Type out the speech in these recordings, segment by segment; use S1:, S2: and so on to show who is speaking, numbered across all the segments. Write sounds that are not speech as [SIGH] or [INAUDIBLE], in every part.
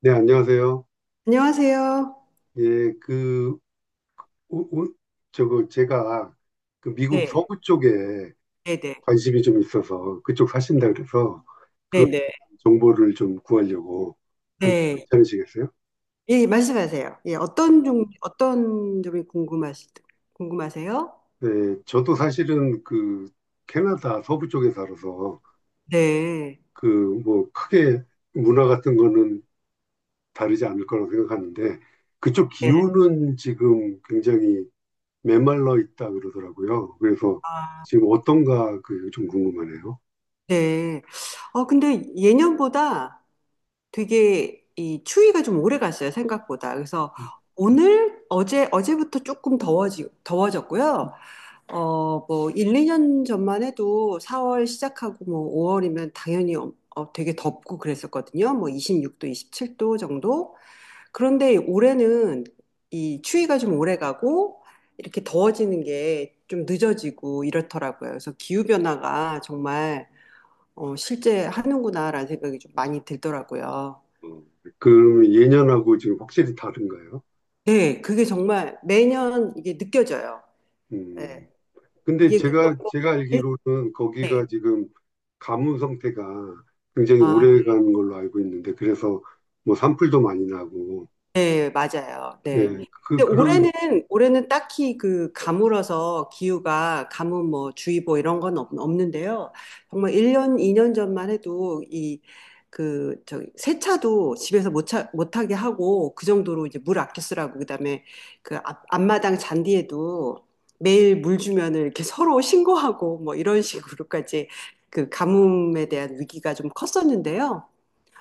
S1: 네, 안녕하세요.
S2: 안녕하세요.
S1: 예, 그, 오, 오, 저거, 제가 그 미국
S2: 네,
S1: 서부 쪽에
S2: 네네,
S1: 관심이 좀 있어서 그쪽 사신다 그래서
S2: 네네,
S1: 정보를 좀 구하려고 하는
S2: 네.
S1: 괜찮으시겠어요?
S2: 예, 말씀하세요. 예,
S1: 예.
S2: 어떤 점이 궁금하세요?
S1: 네, 저도 사실은 그 캐나다 서부 쪽에 살아서
S2: 네,
S1: 그 뭐 크게 문화 같은 거는 다르지 않을 거라고 생각하는데 그쪽
S2: 네,
S1: 기후는 지금 굉장히 메말라 있다 그러더라고요. 그래서
S2: 아,
S1: 지금 어떤가 그 좀 궁금하네요.
S2: 네. 근데 예년보다 되게 이 추위가 좀 오래 갔어요, 생각보다. 그래서 어제부터 조금 더워졌고요. 뭐, 1, 2년 전만 해도 4월 시작하고 뭐 5월이면 당연히 되게 덥고 그랬었거든요. 뭐 26도, 27도 정도. 그런데 올해는 이 추위가 좀 오래 가고 이렇게 더워지는 게 좀 늦어지고 이렇더라고요. 그래서 기후변화가 정말 실제 하는구나라는 생각이 좀 많이 들더라고요.
S1: 어, 그러면 예년하고 지금 확실히 다른가요?
S2: 네, 그게 정말 매년 이게 느껴져요. 네,
S1: 음. 근데
S2: 이게 그-
S1: 제가 알기로는
S2: 네.
S1: 거기가 지금 가뭄 상태가 굉장히
S2: 아,
S1: 오래 가는 걸로 알고 있는데, 그래서 뭐 산불도 많이 나고,
S2: 네, 맞아요.
S1: 예,
S2: 네.
S1: 그,
S2: 근데
S1: 그런,
S2: 올해는 딱히 그 가물어서 기후가 가뭄 뭐 주의보 이런 건 없는데요. 정말 1년, 2년 전만 해도 이 그 저기 세차도 집에서 못 차, 못하게 하고 그 정도로 이제 물 아껴 쓰라고 그다음에 그 앞마당 잔디에도 매일 물 주면은 이렇게 서로 신고하고 뭐 이런 식으로까지 그 가뭄에 대한 위기가 좀 컸었는데요.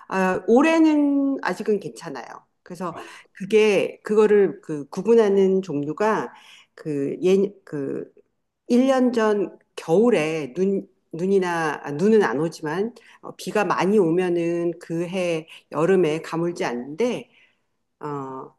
S2: 아, 올해는 아직은 괜찮아요. 그래서
S1: 아,
S2: 그거를 그 구분하는 종류가 그 예, 그 1년 전 겨울에 눈이나, 아, 눈은 안 오지만 비가 많이 오면은 그 해 여름에 가물지 않는데, 어,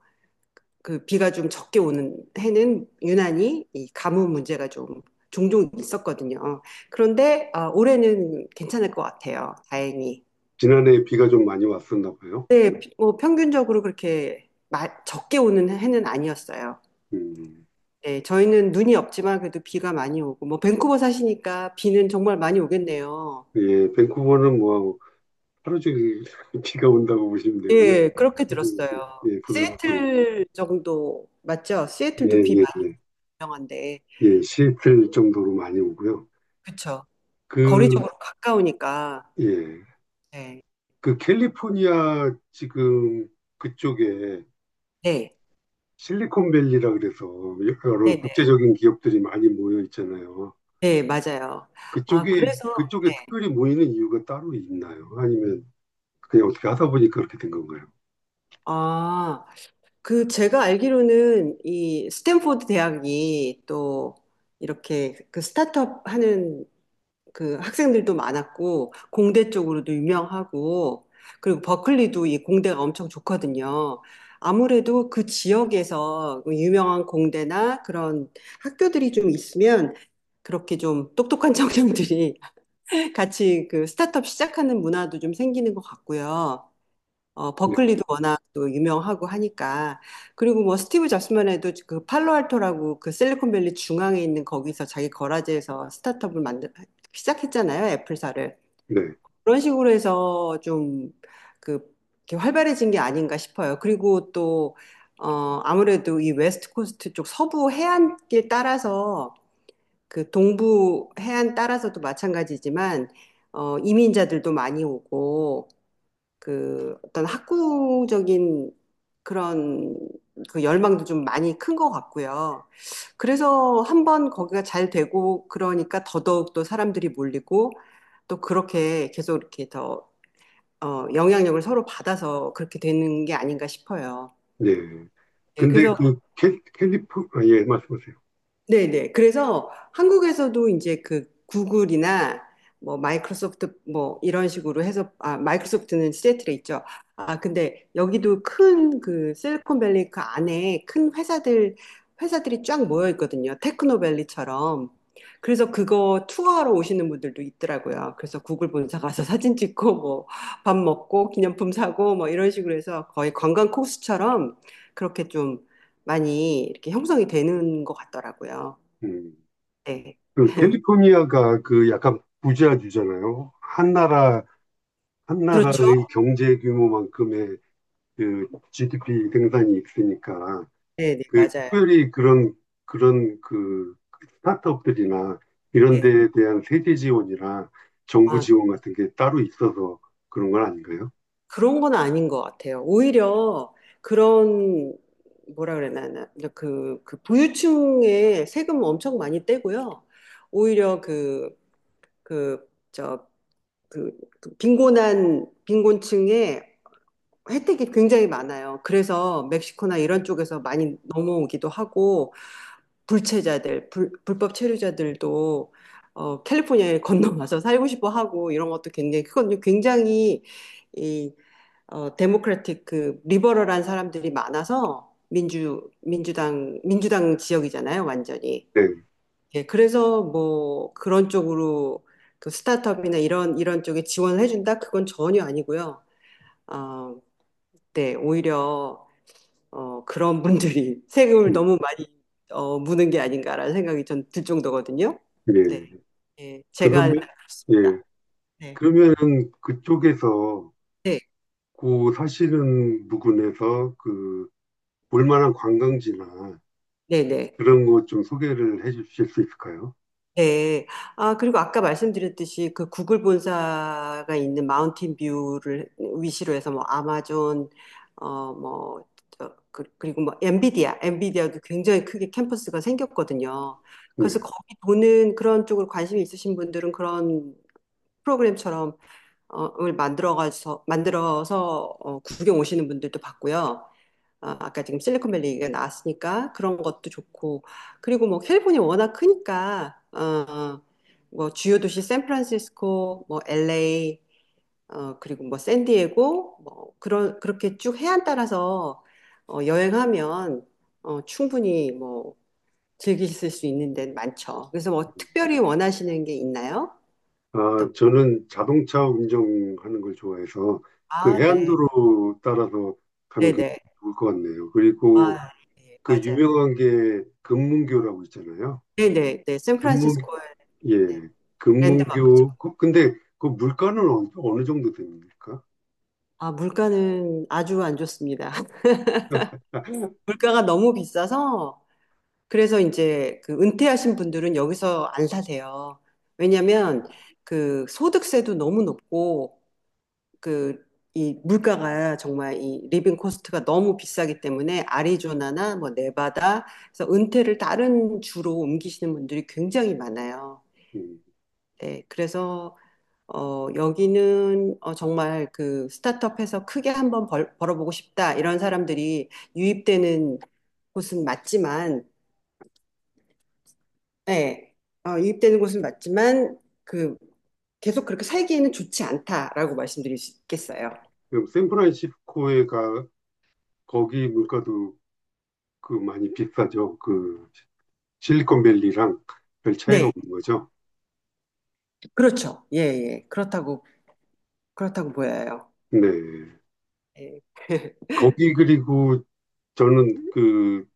S2: 그 비가 좀 적게 오는 해는 유난히 이 가뭄 문제가 좀 종종 있었거든요. 그런데 아, 올해는 괜찮을 것 같아요. 다행히.
S1: 지난해 비가 좀 많이 왔었나 봐요.
S2: 네, 뭐 평균적으로 그렇게 적게 오는 해는 아니었어요.
S1: 음.
S2: 네, 저희는 눈이 없지만 그래도 비가 많이 오고, 뭐 밴쿠버 사시니까 비는 정말 많이 오겠네요.
S1: 예, 밴쿠버는 뭐 하루 종일 [LAUGHS] 비가 온다고 보시면 되고요.
S2: 예, 그렇게
S1: 부슬부슬,
S2: 들었어요.
S1: 예, 부슬부슬,
S2: 시애틀 정도 맞죠?
S1: 예,
S2: 시애틀도 비
S1: 예,
S2: 많이
S1: 예,
S2: 유명한데,
S1: 예, 시애틀 정도로 많이 오고요.
S2: 그쵸?
S1: 그,
S2: 거리적으로 가까우니까,
S1: 예.
S2: 네,
S1: 그 캘리포니아 지금 그쪽에
S2: 네,
S1: 실리콘밸리라 그래서
S2: 네,
S1: 여러
S2: 네,
S1: 국제적인 기업들이 많이 모여 있잖아요.
S2: 네, 맞아요. 아,
S1: 그쪽이
S2: 그래서, 네,
S1: 그쪽에 특별히 모이는 이유가 따로 있나요? 아니면 그냥 어떻게 하다 보니까 그렇게 된 건가요?
S2: 아. 그 제가 알기로는 이 스탠포드 대학이 또 이렇게 그 스타트업 하는 그 학생들도 많았고 공대 쪽으로도 유명하고 그리고 버클리도 이 공대가 엄청 좋거든요. 아무래도 그 지역에서 그 유명한 공대나 그런 학교들이 좀 있으면 그렇게 좀 똑똑한 청년들이 [LAUGHS] 같이 그 스타트업 시작하는 문화도 좀 생기는 것 같고요.
S1: 네,
S2: 버클리도 워낙 또 유명하고 하니까. 그리고 뭐 스티브 잡스만 해도 그 팔로알토라고 그 실리콘밸리 중앙에 있는 거기서 자기 거라지에서 스타트업을 시작했잖아요. 애플사를.
S1: 네,
S2: 그런 식으로 해서 좀 그, 이렇게 활발해진 게 아닌가 싶어요. 그리고 또, 아무래도 이 웨스트 코스트 쪽 서부 해안길 따라서 그 동부 해안 따라서도 마찬가지지만, 이민자들도 많이 오고, 그 어떤 학구적인 그런 그 열망도 좀 많이 큰 것 같고요. 그래서 한번 거기가 잘 되고 그러니까 더더욱 또 사람들이 몰리고 또 그렇게 계속 이렇게 더 영향력을 서로 받아서 그렇게 되는 게 아닌가 싶어요.
S1: 네.
S2: 예,
S1: 근데
S2: 그래서
S1: 그 캘, 캘리포 아, 예 말씀하세요.
S2: 네네. 그래서 한국에서도 이제 그 구글이나 뭐 마이크로소프트 뭐 이런 식으로 해서 아 마이크로소프트는 시애틀에 있죠. 아 근데 여기도 큰 그 실리콘밸리 그 안에 큰 회사들이 쫙 모여 있거든요. 테크노밸리처럼. 그래서 그거 투어하러 오시는 분들도 있더라고요. 그래서 구글 본사 가서 [LAUGHS] 사진 찍고 뭐 밥 먹고 기념품 사고 뭐 이런 식으로 해서 거의 관광 코스처럼 그렇게 좀 많이 이렇게 형성이 되는 것 같더라고요.
S1: 음.
S2: 네.
S1: 그 캘리포니아가 그 약간 부자주잖아요. 한 나라 한
S2: 그렇죠?
S1: 나라의 경제 규모만큼의 그 GDP 생산이 있으니까
S2: 네, 네,
S1: 그
S2: 맞아요.
S1: 특별히 그런 그 스타트업들이나 이런
S2: 네.
S1: 데에 대한 세제 지원이나 정부
S2: 아,
S1: 지원 같은 게 따로 있어서 그런 건 아닌가요?
S2: 그런 건 아닌 것 같아요. 오히려 그런, 뭐라 그래야 되나, 그 부유층에 세금 엄청 많이 떼고요. 오히려 그, 저, 그 빈곤층에 혜택이 굉장히 많아요. 그래서 멕시코나 이런 쪽에서 많이 넘어오기도 하고, 불법 체류자들도 캘리포니아에 [LAUGHS] 건너와서 살고 싶어 하고 이런 것도 굉장히 그건 굉장히 이 데모크라틱 그 리버럴한 사람들이 많아서 민주당 지역이잖아요, 완전히.
S1: 네.
S2: 예, 그래서 뭐 그런 쪽으로 그 스타트업이나 이런 쪽에 지원을 해준다? 그건 전혀 아니고요. 어, 네, 오히려 그런 분들이 [LAUGHS] 세금을
S1: 음,
S2: 너무 많이 무는 게 아닌가라는 생각이 전 들 정도거든요. 네,
S1: 예.
S2: 예, 제가 알기로는
S1: 그러면 예.
S2: 그렇습니다. 네,
S1: 그러면은 그쪽에서
S2: 네,
S1: 그 사시는 부근에서 그 볼만한 관광지나
S2: 네, 네.
S1: 그런 거 좀 소개를 해 주실 수 있을까요?
S2: 네. 아, 그리고 아까 말씀드렸듯이 그 구글 본사가 있는 마운틴 뷰를 위시로 해서 뭐 아마존, 어, 뭐, 그리고 뭐 엔비디아도 굉장히 크게 캠퍼스가 생겼거든요. 그래서
S1: 네.
S2: 거기 도는 그런 쪽으로 관심이 있으신 분들은 그런 프로그램처럼 을 만들어서 구경 오시는 분들도 봤고요. 아, 아까 지금 실리콘밸리가 나왔으니까 그런 것도 좋고. 그리고 뭐 캘리포니아 워낙 크니까, 뭐 주요 도시 샌프란시스코, 뭐 LA, 그리고 뭐 샌디에고, 뭐 그런, 그렇게 쭉 해안 따라서 여행하면 충분히 뭐 즐기실 수 있는 데는 많죠. 그래서 뭐 특별히 원하시는 게 있나요?
S1: 아, 저는 자동차 운전하는 걸 좋아해서 그
S2: 아, 네.
S1: 해안도로 따라서 가면 굉장히
S2: 네네.
S1: 좋을 것 같네요. 그리고
S2: 아, 예,
S1: 그
S2: 맞아요.
S1: 유명한 게 금문교라고 있잖아요.
S2: 네네, 네, 네.
S1: 금문,
S2: 샌프란시스코의 네,
S1: 예,
S2: 랜드마크죠.
S1: 금문교. 그- 근데 그 물가는 어, 어느 정도 됩니까?
S2: 아, 물가는 아주 안 좋습니다. [LAUGHS] 물가가 너무 비싸서, 그래서 이제 그 은퇴하신 분들은 여기서 안 사세요. 왜냐면 그 소득세도 너무 높고, 그 이 물가가 정말 이 리빙 코스트가 너무 비싸기 때문에 아리조나나 뭐 네바다, 그래서 은퇴를 다른 주로 옮기시는 분들이 굉장히 많아요.
S1: 음,
S2: 네, 그래서 여기는 정말 그 스타트업해서 크게 한번 벌어보고 싶다 이런 사람들이 유입되는 곳은 맞지만, 예, 어, 유입되는 곳은 맞지만 그 계속 그렇게 살기에는 좋지 않다라고 말씀드릴 수 있겠어요.
S1: 그럼 샌프란시스코에 가, 거기 물가도 그 많이 비싸죠. 그 실리콘밸리랑 별 차이가
S2: 네,
S1: 없는 거죠.
S2: 그렇죠. 예, 예, 그렇다고 보여요.
S1: 네.
S2: 예. [LAUGHS]
S1: 거기 그리고 저는 그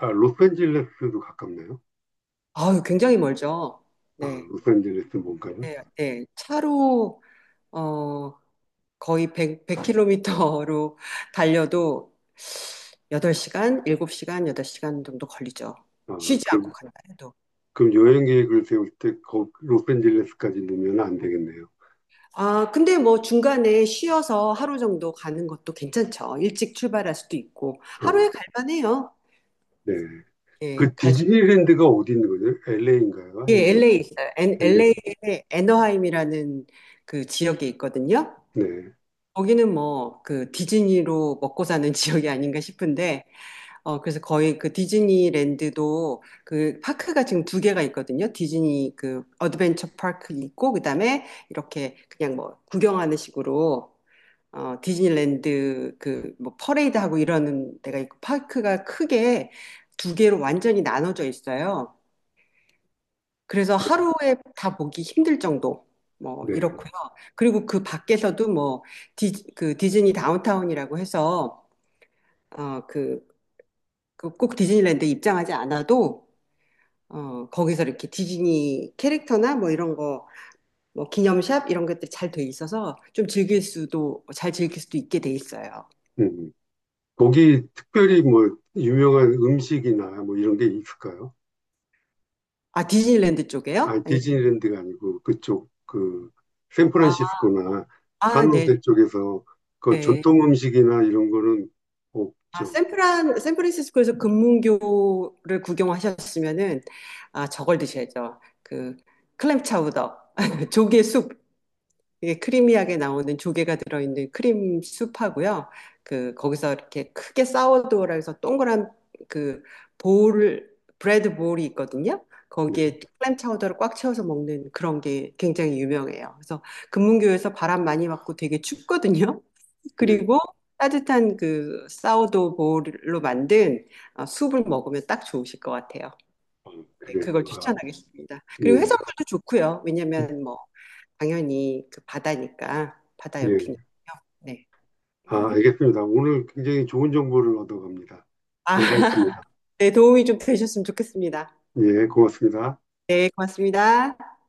S1: 아, 로스앤젤레스도 가깝네요.
S2: 아유, 굉장히 멀죠.
S1: 아,
S2: 네,
S1: 로스앤젤레스 뭔가요?
S2: 네, 네. 차로 어. 거의 100, 100km로 달려도 8시간, 7시간, 8시간 정도 걸리죠.
S1: 아,
S2: 쉬지 않고
S1: 그럼,
S2: 간다 해도.
S1: 그럼 여행 계획을 세울 때 거, 로스앤젤레스까지 넣으면 안 되겠네요.
S2: 아, 근데 뭐 중간에 쉬어서 하루 정도 가는 것도 괜찮죠. 일찍 출발할 수도 있고.
S1: 아,
S2: 하루에 갈만해요.
S1: 네.
S2: 예,
S1: 그 디즈니랜드가 어디 있는 거죠? LA인가요?
S2: 예,
S1: 아니면
S2: LA 있어요.
S1: 엘에이?
S2: LA에 애너하임이라는 그 지역이 있거든요.
S1: 네,
S2: 거기는 뭐 그 디즈니로 먹고 사는 [LAUGHS] 지역이 아닌가 싶은데 그래서 거의 그 디즈니랜드도 그 파크가 지금 2개가 있거든요. 디즈니 그 어드벤처 파크 있고, 그 다음에 이렇게 그냥 뭐 구경하는 식으로, 디즈니랜드 그 뭐 퍼레이드 하고 이러는 데가 있고, 파크가 크게 2개로 완전히 나눠져 있어요. 그래서 하루에 다 보기 힘들 정도. 뭐,
S1: 네.
S2: 이렇고요. 그리고 그 밖에서도 뭐, 그 디즈니 다운타운이라고 해서, 그, 그 꼭 디즈니랜드에 입장하지 않아도 거기서 이렇게 디즈니 캐릭터나 뭐 이런 거, 뭐 기념샵 이런 것들이 잘 돼 있어서 좀 잘 즐길 수도 있게 돼 있어요.
S1: 음. 음. 거기 특별히 뭐 유명한 음식이나 뭐 이런 게 있을까요?
S2: 아, 디즈니랜드
S1: 아,
S2: 쪽에요? 아니면,
S1: 디즈니랜드가 아니고 그쪽 그
S2: 아,
S1: 샌프란시스코나
S2: 아, 네,
S1: 산호세 쪽에서 그
S2: 네.
S1: 전통 음식이나 이런 거는
S2: 아,
S1: 없죠.
S2: 샌프란시스코에서 금문교를 구경하셨으면은, 아, 저걸 드셔야죠. 그, 클램 차우더, [LAUGHS] 조개 숲. 이게 크리미하게 나오는 조개가 들어있는 크림 수프하고요. 그 거기서 이렇게 크게 사워도우라 해서 동그란 그 볼, 브레드 볼이 있거든요.
S1: 네,
S2: 거기에 클램 차우더를 꽉 채워서 먹는 그런 게 굉장히 유명해요. 그래서 금문교에서 바람 많이 맞고 되게 춥거든요. [LAUGHS]
S1: 네.
S2: 그리고 따뜻한 그 사워도우 볼로 만든 수프를 먹으면 딱 좋으실 것 같아요.
S1: 아,
S2: 네,
S1: 그래요.
S2: 그걸
S1: 아,
S2: 추천하겠습니다. 그리고
S1: 예.
S2: 해산물도 좋고요. 왜냐면 뭐 당연히 그 바다니까, 바다
S1: 예.
S2: 옆이니까요. 네.
S1: 아, 알겠습니다. 오늘 굉장히 좋은 정보를 얻어갑니다.
S2: 아,
S1: 감사했습니다.
S2: [LAUGHS] 네, 도움이 좀 되셨으면 좋겠습니다.
S1: 예, 고맙습니다.
S2: 네, 고맙습니다.